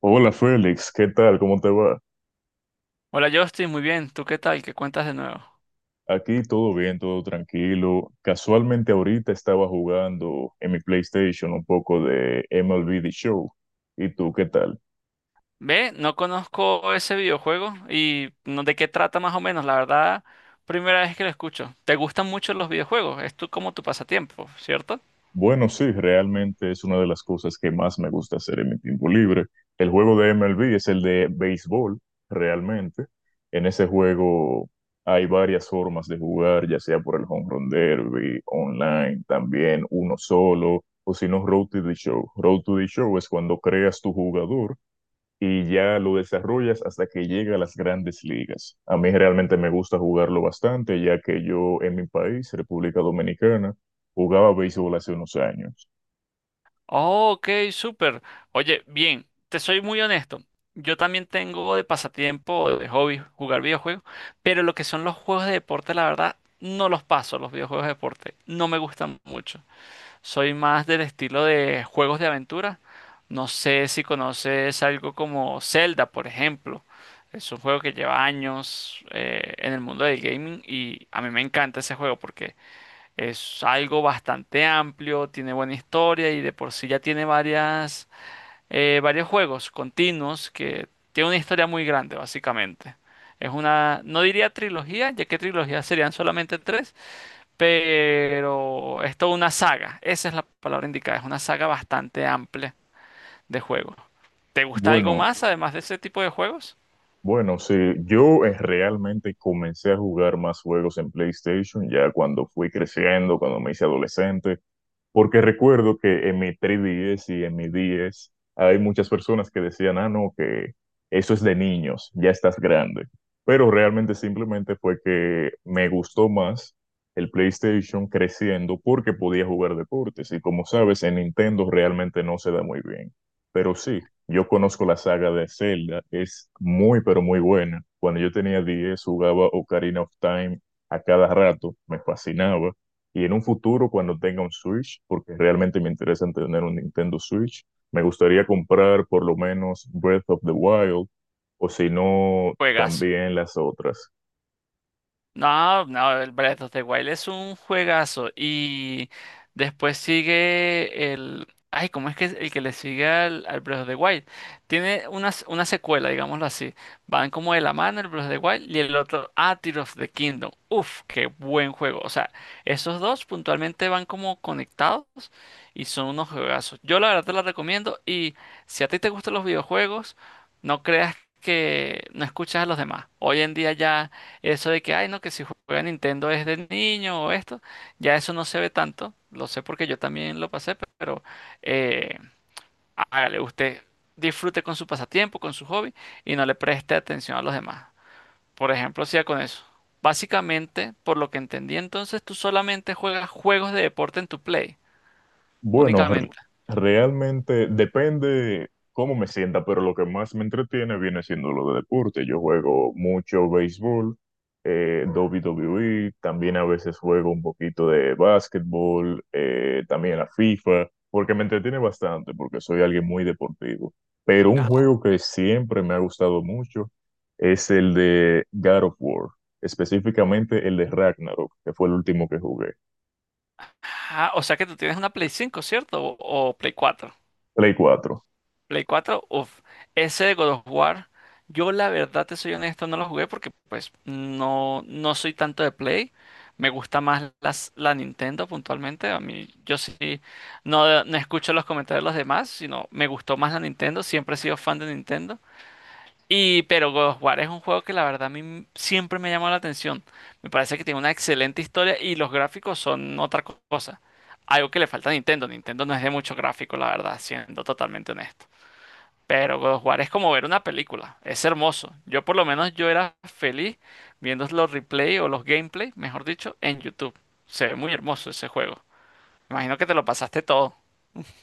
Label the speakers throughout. Speaker 1: Hola Félix, ¿qué tal? ¿Cómo te va?
Speaker 2: Hola Justin, muy bien. ¿Tú qué tal? ¿Qué cuentas de nuevo?
Speaker 1: Aquí todo bien, todo tranquilo. Casualmente ahorita estaba jugando en mi PlayStation un poco de MLB The Show. ¿Y tú qué tal?
Speaker 2: Ve, no conozco ese videojuego y no de qué trata más o menos. La verdad, primera vez que lo escucho. ¿Te gustan mucho los videojuegos? ¿Es tu, como tu pasatiempo, cierto?
Speaker 1: Bueno, sí, realmente es una de las cosas que más me gusta hacer en mi tiempo libre. El juego de MLB es el de béisbol, realmente. En ese juego hay varias formas de jugar, ya sea por el home run derby, online, también uno solo, o si no, Road to the Show. Road to the Show es cuando creas tu jugador y ya lo desarrollas hasta que llega a las grandes ligas. A mí realmente me gusta jugarlo bastante, ya que yo en mi país, República Dominicana, jugaba béisbol hace unos años.
Speaker 2: Oh, ok, súper. Oye, bien, te soy muy honesto. Yo también tengo de pasatiempo, de hobby, jugar videojuegos, pero lo que son los juegos de deporte, la verdad, no los paso, los videojuegos de deporte. No me gustan mucho. Soy más del estilo de juegos de aventura. No sé si conoces algo como Zelda, por ejemplo. Es un juego que lleva años en el mundo del gaming, y a mí me encanta ese juego porque es algo bastante amplio, tiene buena historia y de por sí ya tiene varios juegos continuos que tiene una historia muy grande, básicamente. Es una, no diría trilogía, ya que trilogía serían solamente tres, pero es toda una saga. Esa es la palabra indicada, es una saga bastante amplia de juegos. ¿Te gusta algo
Speaker 1: Bueno,
Speaker 2: más además de ese tipo de juegos?
Speaker 1: bueno, sí, yo realmente comencé a jugar más juegos en PlayStation ya cuando fui creciendo, cuando me hice adolescente, porque recuerdo que en mi 3DS y en mi 10 hay muchas personas que decían, ah, no, que eso es de niños, ya estás grande. Pero realmente simplemente fue que me gustó más el PlayStation creciendo porque podía jugar deportes. Y como sabes, en Nintendo realmente no se da muy bien. Pero sí, yo conozco la saga de Zelda, es muy, pero muy buena. Cuando yo tenía 10 jugaba Ocarina of Time a cada rato, me fascinaba. Y en un futuro, cuando tenga un Switch, porque realmente me interesa en tener un Nintendo Switch, me gustaría comprar por lo menos Breath of the Wild, o si no,
Speaker 2: Juegazo.
Speaker 1: también las otras.
Speaker 2: No, no, el Breath of the Wild es un juegazo. Y después sigue el. Ay, ¿cómo es que es el que le sigue al Breath of the Wild? Tiene una, una secuela, digámoslo así. Van como de la mano el Breath of the Wild y el otro. Ah, Tears of the Kingdom. Uf, qué buen juego. O sea, esos dos puntualmente van como conectados y son unos juegazos. Yo la verdad te los recomiendo. Y si a ti te gustan los videojuegos, no creas que no escuchas a los demás. Hoy en día ya. Eso de que, ay, no, que si juega Nintendo es de niño o esto, ya eso no se ve tanto. Lo sé porque yo también lo pasé, pero eh, hágale, usted disfrute con su pasatiempo, con su hobby y no le preste atención a los demás. Por ejemplo, siga con eso. Básicamente, por lo que entendí, entonces tú solamente juegas juegos de deporte en tu Play,
Speaker 1: Bueno,
Speaker 2: únicamente.
Speaker 1: realmente depende cómo me sienta, pero lo que más me entretiene viene siendo lo de deporte. Yo juego mucho béisbol, WWE, también a veces juego un poquito de básquetbol, también la FIFA, porque me entretiene bastante, porque soy alguien muy deportivo. Pero un juego que siempre me ha gustado mucho es el de God of War, específicamente el de Ragnarok, que fue el último que jugué,
Speaker 2: Ah, o sea que tú tienes una Play 5, ¿cierto? ¿O, o Play cuatro?
Speaker 1: Play 4.
Speaker 2: Play 4, uff, ese de God of War, yo la verdad te soy honesto, no lo jugué porque pues no, no soy tanto de Play, me gusta más la Nintendo puntualmente, a mí yo sí, no, no escucho los comentarios de los demás, sino me gustó más la Nintendo, siempre he sido fan de Nintendo, y pero God of War es un juego que la verdad a mí siempre me llamó la atención, me parece que tiene una excelente historia y los gráficos son otra cosa, algo que le falta a Nintendo. Nintendo no es de mucho gráfico, la verdad, siendo totalmente honesto. Pero God of War es como ver una película, es hermoso. Yo por lo menos yo era feliz viendo los replay o los gameplay, mejor dicho, en YouTube. Se ve muy hermoso ese juego. Imagino que te lo pasaste todo.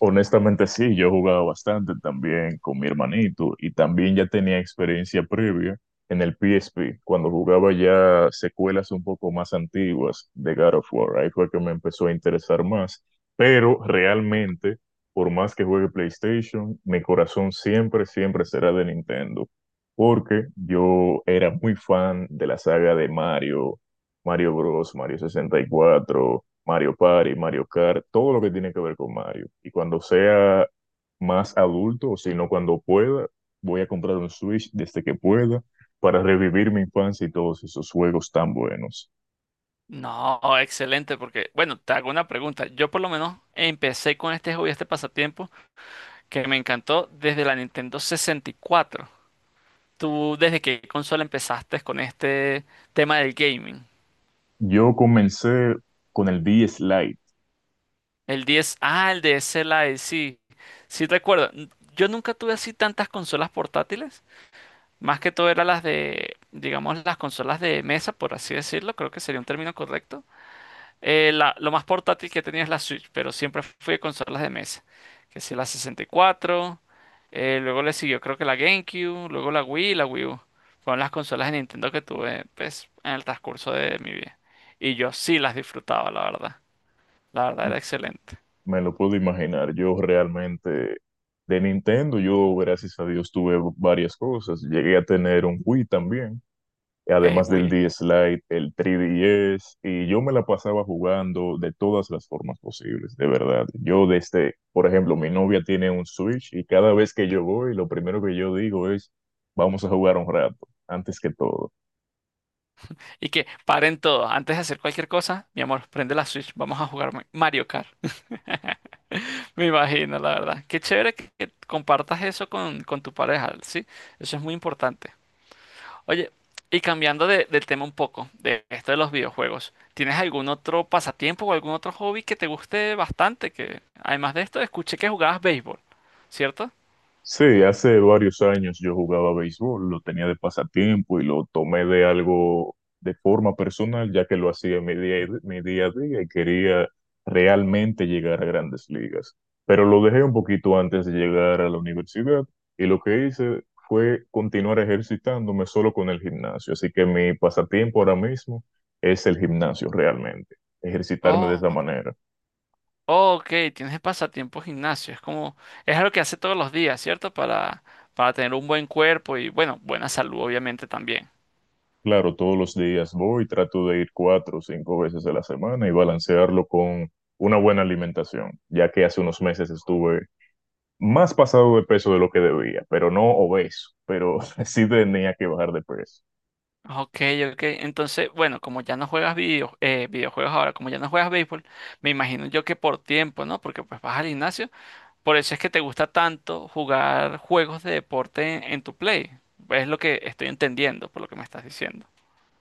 Speaker 1: Honestamente sí, yo he jugado bastante también con mi hermanito y también ya tenía experiencia previa en el PSP, cuando jugaba ya secuelas un poco más antiguas de God of War, ahí fue que me empezó a interesar más, pero realmente, por más que juegue PlayStation, mi corazón siempre, siempre será de Nintendo, porque yo era muy fan de la saga de Mario, Mario Bros, Mario 64. Mario Party, Mario Kart, todo lo que tiene que ver con Mario. Y cuando sea más adulto, o sino cuando pueda, voy a comprar un Switch desde que pueda para revivir mi infancia y todos esos juegos tan buenos.
Speaker 2: No, excelente, porque bueno, te hago una pregunta. Yo por lo menos empecé con este hobby, este pasatiempo, que me encantó desde la Nintendo 64. ¿Tú desde qué consola empezaste con este tema del gaming?
Speaker 1: Yo comencé con el DS Lite.
Speaker 2: El diez, ah, el de SLI, sí, sí recuerdo. Yo nunca tuve así tantas consolas portátiles, más que todo eran las de, digamos, las consolas de mesa, por así decirlo, creo que sería un término correcto. Lo más portátil que tenía es la Switch, pero siempre fui de consolas de mesa, que sí, la 64, luego le siguió creo que la GameCube, luego la Wii y la Wii U. Fueron las consolas de Nintendo que tuve, pues, en el transcurso de mi vida. Y yo sí las disfrutaba, la verdad. La verdad era excelente.
Speaker 1: Me lo puedo imaginar. Yo realmente de Nintendo, yo gracias a Dios tuve varias cosas. Llegué a tener un Wii también,
Speaker 2: El
Speaker 1: además del
Speaker 2: Wii.
Speaker 1: DS Lite, el 3DS, y yo me la pasaba jugando de todas las formas posibles, de verdad. Yo desde, por ejemplo, mi novia tiene un Switch y cada vez que yo voy, lo primero que yo digo es, vamos a jugar un rato, antes que todo.
Speaker 2: Y que paren todo. Antes de hacer cualquier cosa, mi amor, prende la Switch. Vamos a jugar Mario Kart. Me imagino, la verdad. Qué chévere que compartas eso con tu pareja, ¿sí? Eso es muy importante. Oye, y cambiando del tema un poco, de esto de los videojuegos, ¿tienes algún otro pasatiempo o algún otro hobby que te guste bastante? Que además de esto, escuché que jugabas béisbol, ¿cierto?
Speaker 1: Sí, hace varios años yo jugaba béisbol, lo tenía de pasatiempo y lo tomé de algo de forma personal, ya que lo hacía en mi día a día y quería realmente llegar a grandes ligas. Pero lo dejé un poquito antes de llegar a la universidad y lo que hice fue continuar ejercitándome solo con el gimnasio. Así que mi pasatiempo ahora mismo es el gimnasio realmente, ejercitarme de esa
Speaker 2: Oh,
Speaker 1: manera.
Speaker 2: ok, tienes pasatiempo gimnasio. Es como, es algo que hace todos los días, ¿cierto? Para tener un buen cuerpo y, bueno, buena salud, obviamente, también.
Speaker 1: Claro, todos los días voy, trato de ir cuatro o cinco veces a la semana y balancearlo con una buena alimentación, ya que hace unos meses estuve más pasado de peso de lo que debía, pero no obeso, pero sí tenía que bajar de peso.
Speaker 2: Ok, ok. Entonces, bueno, como ya no juegas videojuegos ahora, como ya no juegas béisbol, me imagino yo que por tiempo, ¿no? Porque pues vas al gimnasio. Por eso es que te gusta tanto jugar juegos de deporte en tu Play. Es lo que estoy entendiendo por lo que me estás diciendo.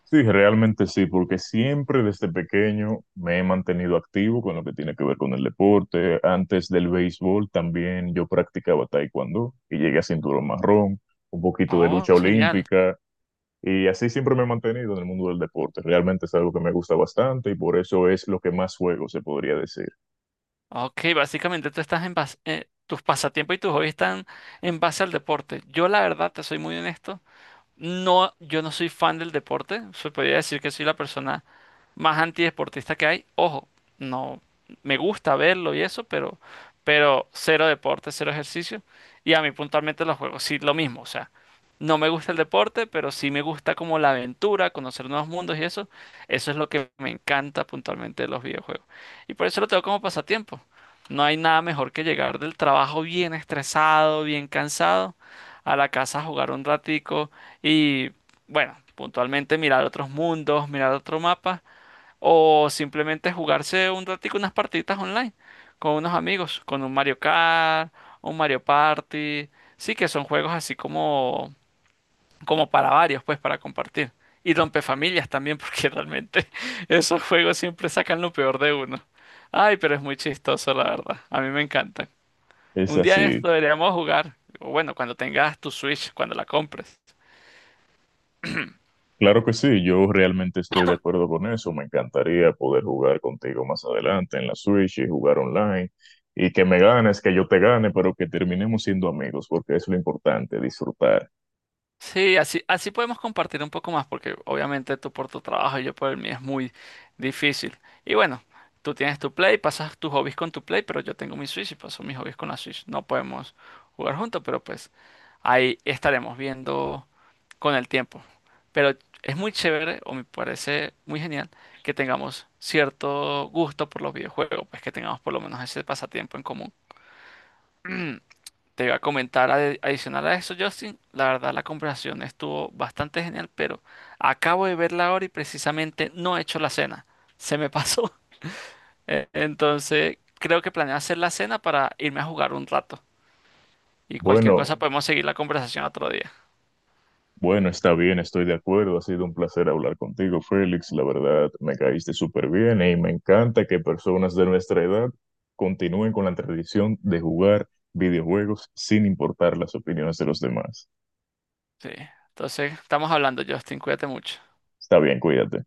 Speaker 1: Sí, realmente sí, porque siempre desde pequeño me he mantenido activo con lo que tiene que ver con el deporte. Antes del béisbol también yo practicaba taekwondo y llegué a cinturón marrón, un poquito de
Speaker 2: Oh,
Speaker 1: lucha
Speaker 2: genial.
Speaker 1: olímpica. Y así siempre me he mantenido en el mundo del deporte. Realmente es algo que me gusta bastante y por eso es lo que más juego, se podría decir.
Speaker 2: Ok, básicamente tú estás en base, tus pasatiempos y tus hobbies están en base al deporte. Yo la verdad, te soy muy honesto. No, yo no soy fan del deporte. Se podría decir que soy la persona más antideportista que hay. Ojo, no me gusta verlo y eso, pero cero deporte, cero ejercicio. Y a mí puntualmente los juegos, sí, lo mismo. O sea, no me gusta el deporte, pero sí me gusta como la aventura, conocer nuevos mundos y eso. Eso es lo que me encanta puntualmente de los videojuegos. Y por eso lo tengo como pasatiempo. No hay nada mejor que llegar del trabajo bien estresado, bien cansado, a la casa a jugar un ratico y bueno, puntualmente mirar otros mundos, mirar otro mapa o simplemente jugarse un ratico unas partiditas online con unos amigos, con un Mario Kart, un Mario Party. Sí que son juegos así como para varios, pues para compartir. Y rompefamilias también porque realmente esos juegos siempre sacan lo peor de uno. Ay, pero es muy chistoso, la verdad. A mí me encantan.
Speaker 1: Es
Speaker 2: Un día de esto
Speaker 1: así.
Speaker 2: deberíamos jugar. O bueno, cuando tengas tu Switch, cuando la compres.
Speaker 1: Claro que sí, yo realmente estoy de acuerdo con eso. Me encantaría poder jugar contigo más adelante en la Switch y jugar online. Y que me ganes, que yo te gane, pero que terminemos siendo amigos, porque es lo importante, disfrutar.
Speaker 2: Sí, así podemos compartir un poco más, porque obviamente tú por tu trabajo y yo por el mío es muy difícil. Y bueno, tú tienes tu Play, pasas tus hobbies con tu Play, pero yo tengo mi Switch y paso mis hobbies con la Switch. No podemos jugar juntos, pero pues ahí estaremos viendo con el tiempo. Pero es muy chévere, o me parece muy genial, que tengamos cierto gusto por los videojuegos, pues que tengamos por lo menos ese pasatiempo en común. Te iba a comentar adicional a eso, Justin, la verdad la conversación estuvo bastante genial, pero acabo de verla ahora y precisamente no he hecho la cena. Se me pasó. Entonces, creo que planeo hacer la cena para irme a jugar un rato. Y cualquier
Speaker 1: Bueno,
Speaker 2: cosa, sí, podemos seguir la conversación otro día.
Speaker 1: bueno, está bien, estoy de acuerdo. Ha sido un placer hablar contigo, Félix. La verdad, me caíste súper bien y me encanta que personas de nuestra edad continúen con la tradición de jugar videojuegos sin importar las opiniones de los demás.
Speaker 2: Sí. Entonces, estamos hablando, Justin. Cuídate mucho.
Speaker 1: Está bien, cuídate.